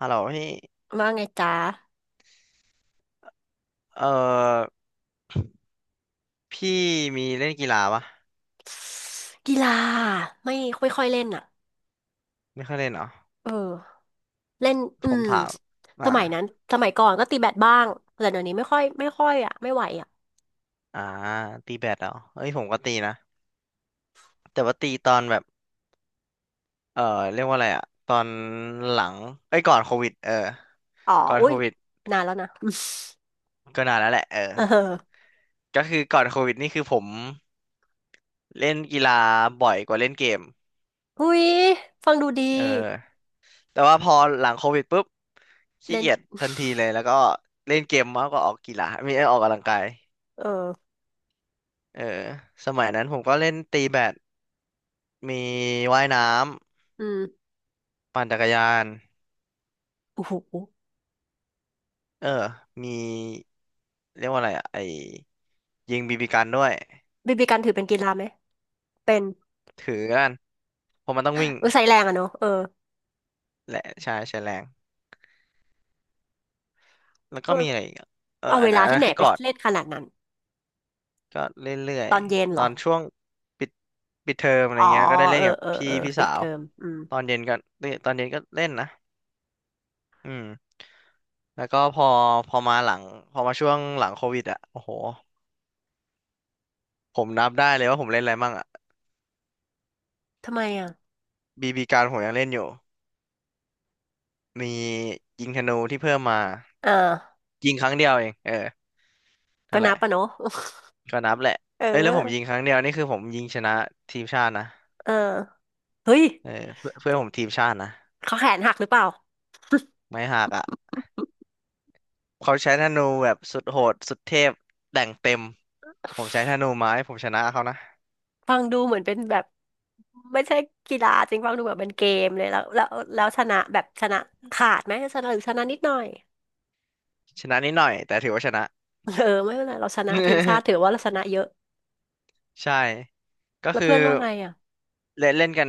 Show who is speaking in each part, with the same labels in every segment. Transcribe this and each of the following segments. Speaker 1: ฮัลโหลพี่
Speaker 2: ว่าไงจ๊ะ
Speaker 1: เอ่อพี่มีเล่นกีฬาปะ
Speaker 2: กีฬาไม่ค่อยค่อยเล่นอ่ะ
Speaker 1: ไม่ค่อยเล่นเหรอ
Speaker 2: เออเล่น
Speaker 1: ผ
Speaker 2: อื
Speaker 1: ม
Speaker 2: ม
Speaker 1: ถามอ่า
Speaker 2: สมัยนั้นสมัยก่อนก็ตีแบดบ้างแต่เดี๋ยวนี้ไม่ค่อยอ่ะไม่ไหวอ่ะ
Speaker 1: อ่าตีแบดเหรอเอ้ยผมก็ตีนะแต่ว่าตีตอนแบบเอ่อเรียกว่าอะไรอะตอนหลังเอ้ยก่อนโควิดเออ
Speaker 2: อ๋อ
Speaker 1: ก่อน
Speaker 2: อุ้
Speaker 1: โค
Speaker 2: ย
Speaker 1: วิด
Speaker 2: นานแล้วนะ
Speaker 1: ก็นานแล้วแหละเออ
Speaker 2: เออ
Speaker 1: ก็คือก่อนโควิดนี่คือผมเล่นกีฬาบ่อยกว่าเล่นเกม
Speaker 2: อุ้ยฟังดูดี
Speaker 1: เออแต่ว่าพอหลังโควิดปุ๊บขี้
Speaker 2: เล่น
Speaker 1: เกียจทันทีเลยแล้วก็เล่นเกมมากกว่าออกกีฬาไม่ได้ออกกำลังกาย
Speaker 2: เออ
Speaker 1: เออสมัยนั้นผมก็เล่นตีแบด มีว่ายน้
Speaker 2: อืม
Speaker 1: ำปั่นจักรยาน
Speaker 2: โอ้โห
Speaker 1: เออมีเรียกว่าอะไรอะไอยิงบีบีกันด้วย
Speaker 2: บีบีกันถือเป็นกีฬาไหมเป็น
Speaker 1: ถือกันเพราะมันต้องวิ่ง
Speaker 2: เออใช้แรงอะเนอะเออ
Speaker 1: และใช่ใช้แรงแล้วก็มีอะไรอีกอะเออ
Speaker 2: เอาเวลา
Speaker 1: อัน
Speaker 2: ที่
Speaker 1: นั้น
Speaker 2: ไหน
Speaker 1: คือ
Speaker 2: ไป
Speaker 1: กอด
Speaker 2: เล่นขนาดนั้น
Speaker 1: ก็เรื่อ
Speaker 2: ต
Speaker 1: ย
Speaker 2: อนเย็น
Speaker 1: ๆต
Speaker 2: เหร
Speaker 1: อ
Speaker 2: อ
Speaker 1: นช่วงปิดปิดเทอมอะไร
Speaker 2: อ๋อ
Speaker 1: เงี้ยก็ได้เล่
Speaker 2: เอ
Speaker 1: น
Speaker 2: อ
Speaker 1: กับ
Speaker 2: เออ
Speaker 1: พี่
Speaker 2: เออ
Speaker 1: พี่
Speaker 2: ปิ
Speaker 1: สา
Speaker 2: ดเท
Speaker 1: ว
Speaker 2: อมอืม
Speaker 1: ตอนเย็นก็เล่นตอนเย็นก็เล่นนะอืมแล้วก็พอพอมาหลังพอมาช่วงหลังโควิดอ่ะโอ้โหผมนับได้เลยว่าผมเล่นอะไรมั่งอ่ะ
Speaker 2: ทำไมอ่ะ
Speaker 1: บีบีการผมยังเล่นอยู่ มียิงธนูที่เพิ่มมา
Speaker 2: เออ
Speaker 1: ยิงครั้งเดียวเองเออ
Speaker 2: ก็
Speaker 1: นั่นแห
Speaker 2: นั
Speaker 1: ละ
Speaker 2: บปะเนาะ
Speaker 1: ก็นับแหละ
Speaker 2: เอ
Speaker 1: เอ้ยแล้วผมยิง
Speaker 2: อ
Speaker 1: ครั้งเดียวนี่คือผมยิงชนะทีมชาตินะ
Speaker 2: เออเฮ้ย
Speaker 1: เออเพื่อนเพื่อนผมทีมชาตินะ
Speaker 2: เขาแขนหักหรือเปล่า
Speaker 1: ไม่หักอ่ะเขาใช้ธนูแบบสุดโหดสุดเทพแต่งเต็มผมใช้ธนูไม้ผมชนะเขานะ
Speaker 2: ฟังดูเหมือนเป็นแบบไม่ใช่กีฬาจริงฟังดูแบบเป็นเกมเลยแล้วชนะแบบชนะขาดไหมชนะหรือชนะนิดหน่อย
Speaker 1: ชนะนิดหน่อยแต่ถือว่าชนะ
Speaker 2: เออไม่เป็นไรเราชนะทีมชาติ ถือว่าเราชนะเยอะ
Speaker 1: ใช่ก็
Speaker 2: แล้ว
Speaker 1: คือ
Speaker 2: เพื่อนว่าไงอ่ะ
Speaker 1: เล่นเล่นกัน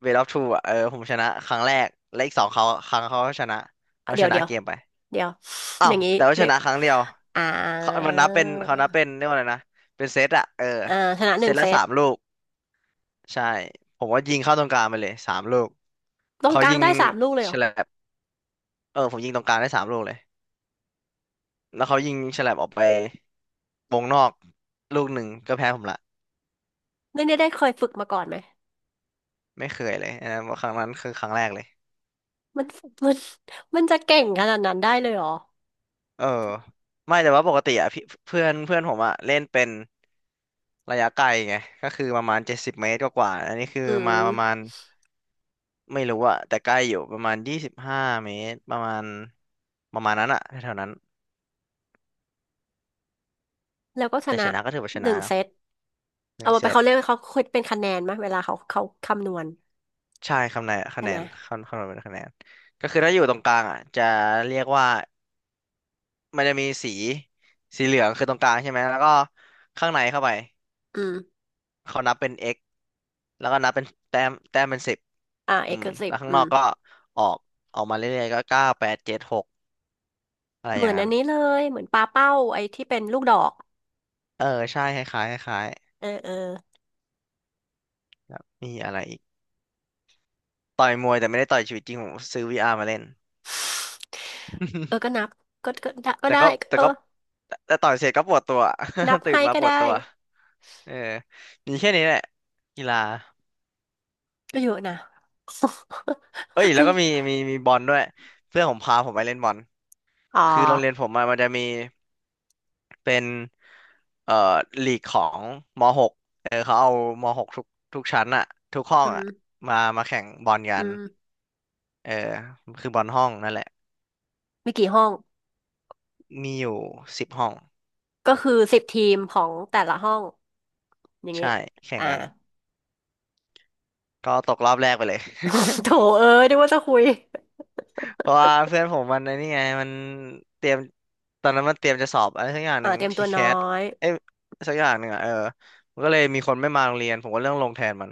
Speaker 1: เวทออฟทูอ่ะเออผมชนะครั้งแรกและอีกสองเขาครั้งเขาก็ชนะเรา
Speaker 2: เดี๋
Speaker 1: ช
Speaker 2: ยว
Speaker 1: นะ
Speaker 2: เดี๋ยว
Speaker 1: เกมไป
Speaker 2: เดี๋ยว
Speaker 1: อ้า
Speaker 2: อ
Speaker 1: ว
Speaker 2: ย่างนี้
Speaker 1: แต่ว่าช
Speaker 2: เรียก
Speaker 1: นะครั้งเดียว
Speaker 2: อ่า
Speaker 1: เขามันนับเป็นเขานับเป็นเรียกว่าอะไรนะเป็นเซตอะเออ
Speaker 2: อ่าชนะห
Speaker 1: เซ
Speaker 2: นึ่ง
Speaker 1: ต
Speaker 2: เซ
Speaker 1: ละสา
Speaker 2: ต
Speaker 1: มลูกใช่ผมว่ายิงเข้าตรงกลางไปเลยสามลูก
Speaker 2: ตรง
Speaker 1: เขา
Speaker 2: กลา
Speaker 1: ยิ
Speaker 2: ง
Speaker 1: ง
Speaker 2: ได้สามลูกเลยเห
Speaker 1: ฉ
Speaker 2: รอ
Speaker 1: ลับเออผมยิงตรงกลางได้สามลูกเลยแล้วเขายิงฉลับออกไปวงนอกลูกหนึ่งก็แพ้ผมละ
Speaker 2: นี่ได้เคยฝึกมาก่อนไหม
Speaker 1: ไม่เคยเลยอันนั้นครั้งนั้นคือครั้งแรกเลย
Speaker 2: มันมันมันจะเก่งขนาดนั้นได้เลยเหรอ
Speaker 1: เออไม่แต่ว่าปกติอะพี่เพื่อนเพื่อนผมอะเล่นเป็นระยะไกลไงก็คือประมาณ70 เมตรกว่าๆอันนี้คือ
Speaker 2: อื
Speaker 1: มาประมา
Speaker 2: ม
Speaker 1: ณ ไม่รู้อะแต่ใกล้อยู่ประมาณ25 เมตรประมาณประมาณนั้นอะแถวๆนั้น
Speaker 2: แล้วก็ช
Speaker 1: แต่
Speaker 2: นะ
Speaker 1: ชนะก็ถือว่าช
Speaker 2: ห
Speaker 1: นะ
Speaker 2: นึ่งเซ
Speaker 1: เนาะ
Speaker 2: ต
Speaker 1: หนึ่
Speaker 2: เอา
Speaker 1: ง
Speaker 2: มา
Speaker 1: เซ
Speaker 2: ไป
Speaker 1: ต
Speaker 2: เขาเรียกว่าเขาคิดเป็นคะแนนไหมเวลาเขาคำนวณ
Speaker 1: ใช่คะแนนคะ
Speaker 2: ใช่
Speaker 1: แน
Speaker 2: ไหม
Speaker 1: นคำนวณเป็นคะแนนก็คือถ้าอยู่ตรงกลางอะจะเรียกว่ามันจะมีสีสีเหลืองคือตรงกลางใช่ไหมแล้วก็ข้างในเข้าไป
Speaker 2: อืม
Speaker 1: เขานับเป็น x แล้วก็นับเป็นแต้มแต้มเป็นสิบ
Speaker 2: อ่า
Speaker 1: อื
Speaker 2: เอ
Speaker 1: ม
Speaker 2: กสิ
Speaker 1: แล้
Speaker 2: บ
Speaker 1: วข้าง
Speaker 2: อื
Speaker 1: นอ
Speaker 2: ม
Speaker 1: กก็ออกออกมาเรื่อยๆก็เก้าแปดเจ็ดหกอะไร
Speaker 2: เห
Speaker 1: อ
Speaker 2: มื
Speaker 1: ย่า
Speaker 2: อ
Speaker 1: ง
Speaker 2: นอั
Speaker 1: นั้
Speaker 2: น
Speaker 1: น
Speaker 2: นี้เลยเหมือนปลาเป้าไอ้ที่เป็นลูกดอก
Speaker 1: เออใช่คล้ายๆคล้าย
Speaker 2: เออเออ
Speaker 1: ๆแล้วมีอะไรอีก ต่อยมวยแต่ไม่ได้ต่อยชีวิตจริงผมซื้อวีอาร์มาเล่น
Speaker 2: เออก็ นับก็ได้ก็
Speaker 1: แต่
Speaker 2: ได้
Speaker 1: ก็แต่
Speaker 2: เออ
Speaker 1: ก็แต่ต่อยเสร็จก็ปวดตัว
Speaker 2: นับ
Speaker 1: ตื่น
Speaker 2: ให้
Speaker 1: มา
Speaker 2: ก็
Speaker 1: ปวด
Speaker 2: ได้
Speaker 1: ตัวเออมีแค่นี้แหละกีฬา
Speaker 2: ก็เยอะนะ
Speaker 1: เอ้ย แล้
Speaker 2: ก็
Speaker 1: วก็มีบอลด้วยเพื่อนผมพาผมไปเล่นบอล
Speaker 2: อ๋
Speaker 1: คือโรงเรียน
Speaker 2: อ
Speaker 1: ผมอะมันจะมีเป็นเอ่อลีกของม .6 เออเขาเอาม .6 ทุกชั้นอะทุกห้อ
Speaker 2: อื
Speaker 1: งอะ
Speaker 2: ม
Speaker 1: มามาแข่งบอลกั
Speaker 2: อื
Speaker 1: น
Speaker 2: ม
Speaker 1: เออคือบอลห้องนั่นแหละ
Speaker 2: มีกี่ห้อง
Speaker 1: มีอยู่10 ห้อง
Speaker 2: ก็คือ10 ทีมของแต่ละห้องอย่างงี้
Speaker 1: ใช่แข่ง
Speaker 2: อ่า
Speaker 1: กันก็ตกรอบแรกไปเลย
Speaker 2: โถเอ้ยนึกว่าจะคุย
Speaker 1: เพราะว่าเพื่อนผมมันไอ้นี่ไงมันเตรียมตอนนั้นมันเตรียมจะสอบอะไรสักอย่างห
Speaker 2: อ่า
Speaker 1: นึ่ง
Speaker 2: เตรียม
Speaker 1: ที
Speaker 2: ตัว
Speaker 1: แค
Speaker 2: น้อ
Speaker 1: ส
Speaker 2: ย
Speaker 1: เอ้ยสักอย่างหนึ่งอ่ะเออมันก็เลยมีคนไม่มาโรงเรียนผมก็เรื่องลงแทนมัน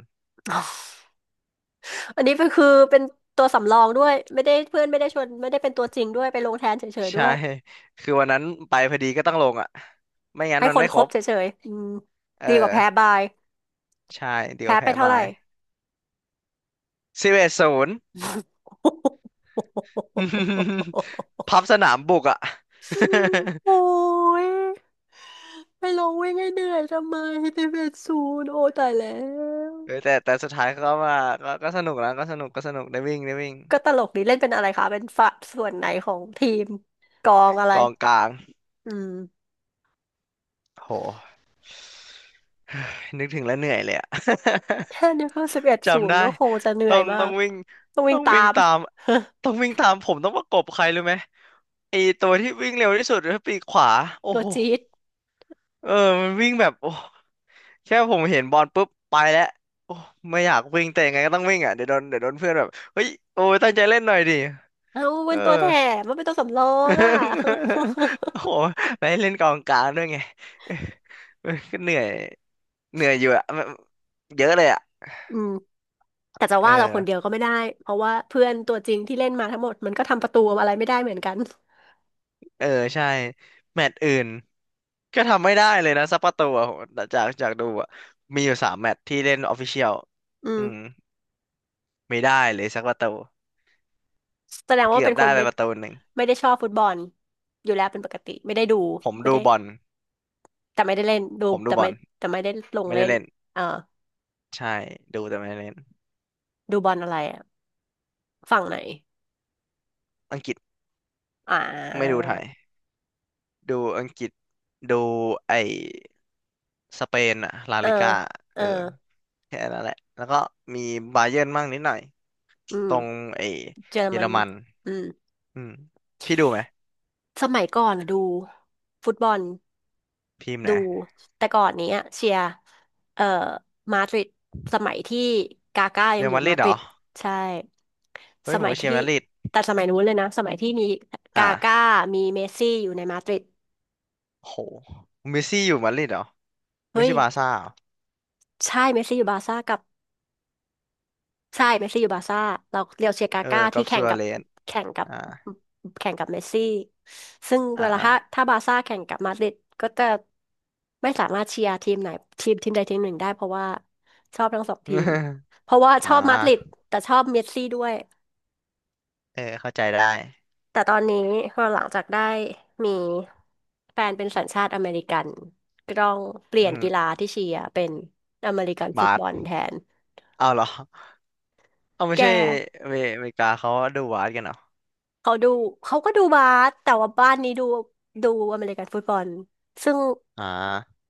Speaker 2: อันนี้เป็นคือเป็นตัวสำรองด้วยไม่ได้เพื่อนไม่ได้ชวนไม่ได้เป็นตัวจริงด้วยไปลงแทนเฉย ๆด้
Speaker 1: ใช่
Speaker 2: วย
Speaker 1: คือวันนั้นไปพอดีก็ต้องลงอ่ะไม่งั้น
Speaker 2: ให้
Speaker 1: มัน
Speaker 2: คน
Speaker 1: ไม่
Speaker 2: ค
Speaker 1: ค
Speaker 2: ร
Speaker 1: ร
Speaker 2: บ
Speaker 1: บ
Speaker 2: เฉยๆอืม
Speaker 1: เอ
Speaker 2: ดีกว่าแพ้
Speaker 1: อ
Speaker 2: บาย
Speaker 1: ใช่เดี๋ยว
Speaker 2: แพ้ไป
Speaker 1: แพ้
Speaker 2: เท่า
Speaker 1: บา
Speaker 2: ไหร่
Speaker 1: ย11-0 พับสนามบุกอ่ะ
Speaker 2: โอ้ยไปลงวิ่งให้เหนื่อยทำไมสิบเอ็ดศูนย์โอ้ตายแล้ว
Speaker 1: เออแต่สุดท้ายก็ว่าก็สนุกนะก็สนุกได้วิ่ง
Speaker 2: ก็ตลกดีเล่นเป็นอะไรคะเป็นฝ่ายส่วนไหนของทีมกองอะไร
Speaker 1: กองกลาง
Speaker 2: อืม
Speaker 1: โห นึกถึงแล้วเหนื่อยเลยอะ
Speaker 2: แค่นึกว่าสิบเอ็ด ศู
Speaker 1: จำ
Speaker 2: น
Speaker 1: ได้
Speaker 2: ย์ก็คงจะเหนื่อ
Speaker 1: ต้อ
Speaker 2: ย
Speaker 1: ง
Speaker 2: มา
Speaker 1: ต้อง
Speaker 2: ก
Speaker 1: วิ่ง
Speaker 2: ต้องวิ่
Speaker 1: ต้
Speaker 2: ง
Speaker 1: อง
Speaker 2: ตา
Speaker 1: วิ่ง
Speaker 2: ม
Speaker 1: ตามต้องวิ่งตามผมต้องประกบใครรู้ไหมไอตัวที่วิ่งเร็วที่สุดคือปีกขวาโอ้
Speaker 2: ตัว
Speaker 1: โห
Speaker 2: จี๊ด
Speaker 1: เออมันวิ่งแบบโอ้แค่ผมเห็นบอลปุ๊บไปแล้วโอ้ไม่อยากวิ่งแต่ยังไงก็ต้องวิ่งอ่ะ เดี๋ยวโดนเพื่อนแบบเฮ้ยโอ้ยตั้งใจเล่นหน่อยดิ
Speaker 2: เอา
Speaker 1: เอ
Speaker 2: เป็น
Speaker 1: อ
Speaker 2: ตัวแถมมันเป็นตัวสำรองอ่ะ
Speaker 1: โอ้โหไปเล่นกองกลางด้วยไง เออก็เหนื่อย เหนื่อยอยู่อะเยอะเลยอะ
Speaker 2: อืมแต่จะ
Speaker 1: เออ
Speaker 2: ว่าเราคนเดียวก็ไม่ได้ เพราะว่าเพื่อนตัวจริงที่เล่นมาทั้งหมดมันก็ทำประตูอะไรไม่ได้เหมือนกัน
Speaker 1: เออใช่แมตช์อื่นก็ทำไม่ได้เลยนะซัปเปอร์ตัวอะจากดูอะมีอยู่3 แมตช์ที่เล่นออฟฟิเชียล
Speaker 2: อื
Speaker 1: อื
Speaker 2: ม
Speaker 1: มไม่ได้เลยสักประตู
Speaker 2: แสดงว่า
Speaker 1: เกือ
Speaker 2: เป็
Speaker 1: บ
Speaker 2: นคน
Speaker 1: ได้ไป
Speaker 2: ไม่
Speaker 1: ประตูหนึ่ง
Speaker 2: ไม่ได้ชอบฟุตบอลอยู่แล้วเป็นปกติไม่ได้ดู
Speaker 1: ผม
Speaker 2: ไม่
Speaker 1: ดู
Speaker 2: ได้
Speaker 1: บอล
Speaker 2: แต่ไม่ได้เล่นดู
Speaker 1: ผมดู
Speaker 2: แต่
Speaker 1: บอ
Speaker 2: ไม่
Speaker 1: ล
Speaker 2: แต่ไม่ได้ลง
Speaker 1: ไม่
Speaker 2: เล่
Speaker 1: ได้
Speaker 2: น
Speaker 1: เล่น
Speaker 2: เออ
Speaker 1: ใช่ดูแต่ไม่ได้เล่น
Speaker 2: ดูบอลอะไรอะฝั่งไหน
Speaker 1: อังกฤษ
Speaker 2: อ่
Speaker 1: ไม่ดู
Speaker 2: า
Speaker 1: ไทยดูอังกฤษดูไอ้สเปนอะลา
Speaker 2: เออ
Speaker 1: ลิก้า
Speaker 2: เอ
Speaker 1: เอ
Speaker 2: อ
Speaker 1: อแค่นั้นแหละแล้วก็มีบาเยิร์นมั่งนิดหน่อย
Speaker 2: อื
Speaker 1: ต
Speaker 2: ม
Speaker 1: รงไอ้
Speaker 2: เจอ
Speaker 1: เยอ
Speaker 2: มั
Speaker 1: ร
Speaker 2: น
Speaker 1: มัน
Speaker 2: อืม
Speaker 1: อืมพี่ดูไหม
Speaker 2: สมัยก่อนอะดูฟุตบอล
Speaker 1: ทีมไหน
Speaker 2: ดูแต่ก่อนเนี้ยเชียร์เอ่อมาดริดสมัยที่กาก้ายั
Speaker 1: เร
Speaker 2: ง
Speaker 1: อัล
Speaker 2: อยู่
Speaker 1: มาดริ
Speaker 2: มา
Speaker 1: ด
Speaker 2: ด
Speaker 1: เหร
Speaker 2: ริ
Speaker 1: อ
Speaker 2: ดใช่
Speaker 1: เฮ้
Speaker 2: ส
Speaker 1: ยผม
Speaker 2: มัย
Speaker 1: ก็เชีย
Speaker 2: ที่
Speaker 1: ร์มาดริด
Speaker 2: แต่สมัยนู้นเลยนะสมัยที่มี
Speaker 1: อ่ะ
Speaker 2: กาก้ามีเมสซี่อยู่ในมาดริด
Speaker 1: โหเมสซี่อยู่มาดริดเหรอไม่
Speaker 2: เฮ้
Speaker 1: ใช่
Speaker 2: ย
Speaker 1: บาร์ซ่าเหรอ
Speaker 2: ใช่เมสซี่อยู่บาร์ซ่ากับ ใช่เมสซี่อยู่บาร์ซ่าเราเรียวเชียร์กา
Speaker 1: เออ
Speaker 2: ก้า
Speaker 1: กั
Speaker 2: ที่
Speaker 1: บ
Speaker 2: แข่
Speaker 1: ซั
Speaker 2: ง
Speaker 1: ว
Speaker 2: กับ
Speaker 1: เรส
Speaker 2: แข่งกับ
Speaker 1: อ่า
Speaker 2: แข่งกับเมสซี่ซึ่ง
Speaker 1: อ่า
Speaker 2: เวลา
Speaker 1: อ่า
Speaker 2: ถ้าบาร์ซ่าแข่งกับมาดริดก็จะไม่สามารถเชียร์ทีมไหนทีมใดทีมหนึ่งได้เพราะว่าชอบทั้งสองทีม เพราะว่าช
Speaker 1: อ่า
Speaker 2: อบมาดริดแต่ชอบเมสซี่ด้วย
Speaker 1: เออเข้าใจได้
Speaker 2: แต่ตอนนี้พอหลังจากได้มีแฟนเป็นสัญชาติอเมริกันก็ต้องเปลี่
Speaker 1: อื
Speaker 2: ยน
Speaker 1: ม
Speaker 2: กีฬาที่เชียร์เป็นอเมริกันฟุต
Speaker 1: บา
Speaker 2: บ
Speaker 1: ส
Speaker 2: อลแทน
Speaker 1: เอาเหรอเอาไม่
Speaker 2: แก
Speaker 1: ใช่เมอเมริกาเขาดูบาสกันเหรอ
Speaker 2: เขาดูเขาก็ดูบาสแต่ว่าบ้านนี้ดูดูอเมริกันฟุตบอลซึ่ง
Speaker 1: อ่า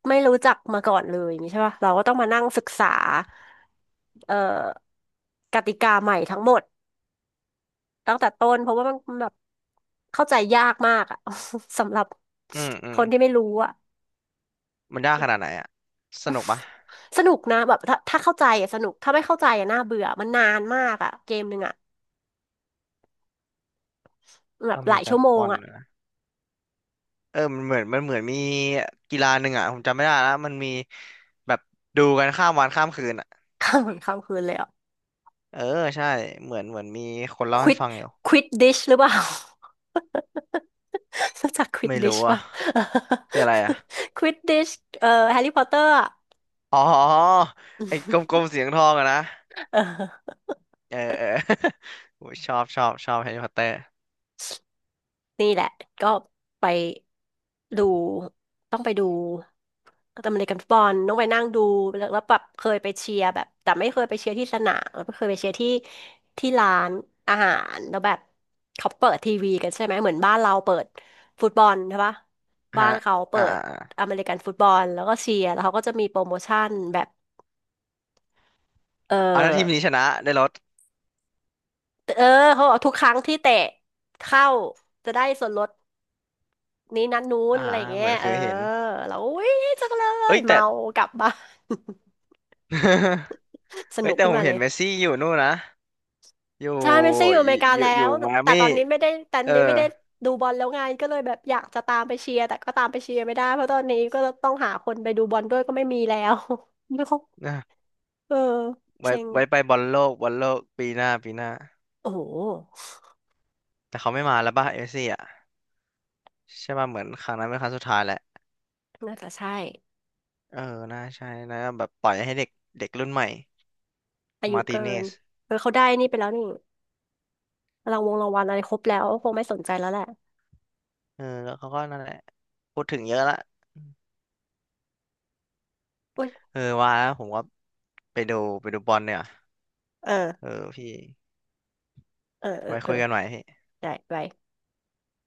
Speaker 2: ไม่รู้จักมาก่อนเลยอย่างงี้ใช่ป่ะเราก็ต้องมานั่งศึกษาเอ่อกติกาใหม่ทั้งหมดตั้งแต่ต้นเพราะว่ามันแบบเข้าใจยากมากอะ สำหรับ
Speaker 1: อืมอื
Speaker 2: ค
Speaker 1: ม
Speaker 2: นที่ไม่รู้อะ
Speaker 1: มันยากขนาดไหนอะสนุกปะ
Speaker 2: สนุกนะแบบถ้าเข้าใจอะสนุกถ้าไม่เข้าใจอะน่าเบื่อมันนานมากอะเกมหนึ่งอะแบบ
Speaker 1: อเม
Speaker 2: หลาย
Speaker 1: ริกั
Speaker 2: ชั่
Speaker 1: น
Speaker 2: ว
Speaker 1: ฟุ
Speaker 2: โม
Speaker 1: ตบ
Speaker 2: ง
Speaker 1: อล
Speaker 2: อะ
Speaker 1: นะเออมันเหมือนมีกีฬาหนึ่งอะผมจำไม่ได้แล้วมันมีแบบดูกันข้ามวันข้ามคืน
Speaker 2: ข้ามวันข้ามคืนเลยอะ
Speaker 1: เออใช่เหมือนมีคนเล่า
Speaker 2: ควิ
Speaker 1: ให้
Speaker 2: ด
Speaker 1: ฟังอยู่
Speaker 2: ควิดดิชหรือเปล่า รู้จักควิด
Speaker 1: ไม่
Speaker 2: ดิ
Speaker 1: รู้
Speaker 2: ช
Speaker 1: อ่ะ
Speaker 2: ป่ะ
Speaker 1: คืออะไรอ่ะ
Speaker 2: ควิดดิช แฮร์รี่พอตเตอร์อะ
Speaker 1: อ๋อไอ้กล มๆเสียงทองอะนะ
Speaker 2: เออ
Speaker 1: เออเออ โอ้ยชอบแฮร์รี่พอตเตอร์
Speaker 2: นี่แหละก็ไปดูต้องไปดูอเมริกันฟุตบอลต้องไปนั่งดูแล้วแบบเคยไปเชียร์แบบแต่ไม่เคยไปเชียร์ที่สนามแล้วก็เคยไปเชียร์ที่ที่ร้านอาหารแล้วแบบเขาเปิดทีวีกันใช่ไหมเหมือนบ้านเราเปิดฟุตบอลใช่ปะบ้า
Speaker 1: ฮะ
Speaker 2: นเขาเปิ
Speaker 1: อ่า
Speaker 2: ด
Speaker 1: อ่าอ่า
Speaker 2: อ
Speaker 1: อ่
Speaker 2: เมริกันฟุตบอลแล้วก็เชียร์แล้วเขาก็จะมีโปรโมชั่นแบบเออ
Speaker 1: าถ้าทีมนี้ชนะได้รถ
Speaker 2: เออเขาบอกทุกครั้งที่เตะเข้าจะได้ส่วนลดนี้นั้นนู้น
Speaker 1: อ่า
Speaker 2: อะไรอย่างเงี้
Speaker 1: เหมื
Speaker 2: ย
Speaker 1: อนเค
Speaker 2: เออ
Speaker 1: ยเห็น
Speaker 2: เราอุ้ยจังเลย
Speaker 1: เอ้ยแต่
Speaker 2: เมากลับบ้าน ส
Speaker 1: เอ้
Speaker 2: นุ
Speaker 1: ย
Speaker 2: ก
Speaker 1: แต่
Speaker 2: ขึ้น
Speaker 1: ผม
Speaker 2: มาเล
Speaker 1: เห็น
Speaker 2: ย
Speaker 1: เมสซี่อยู่นู่นนะอยู่
Speaker 2: ใช่เมสซี่อยู่อเมริกาแล้
Speaker 1: อยู่
Speaker 2: ว
Speaker 1: มายอา
Speaker 2: แต่
Speaker 1: มี่
Speaker 2: ตอนนี้ไม่ได้แต่ตอ
Speaker 1: เอ
Speaker 2: น
Speaker 1: อ
Speaker 2: นี้ไม่ได้ดูบอลแล้วไงก็เลยแบบอยากจะตามไปเชียร์แต่ก็ตามไปเชียร์ไม่ได้เพราะตอนนี้ก็ต้องหาคนไปดูบอลด้วยก็ไม่มีแล้ว ไม่ครบ
Speaker 1: นะ
Speaker 2: เออ
Speaker 1: ไว้
Speaker 2: เซ็ง
Speaker 1: ไว้ไปบอลโลกบอลโลกปีหน้าปีหน้า
Speaker 2: โอ้โห
Speaker 1: แต่เขาไม่มาแล้วป่ะเมสซี่อ่ะใช่ป่ะเหมือนครั้งนั้นเป็นครั้งสุดท้ายแล้ว
Speaker 2: น่าจะใช่
Speaker 1: เออ น่าใช่นะแบบปล่อยให้เด็กเด็กรุ่นใหม่
Speaker 2: อายุ
Speaker 1: มาร์ติ
Speaker 2: เกิ
Speaker 1: เน
Speaker 2: น
Speaker 1: ส
Speaker 2: เออเขาได้นี่ไปแล้วนี่รางวงรางวัลอะไรครบแล้วคงไม่สนใจแล้วแหละ
Speaker 1: เออ แล้วเขาก็นั่นแหละพูดถึงเยอะละ เออว่าแล้วผมว่าไปดูไปดูบอลเนี่ย
Speaker 2: เออ
Speaker 1: เออพี่
Speaker 2: เออเออ
Speaker 1: ไว้
Speaker 2: เออ
Speaker 1: คุยกันใหม่พี่
Speaker 2: ได้ไป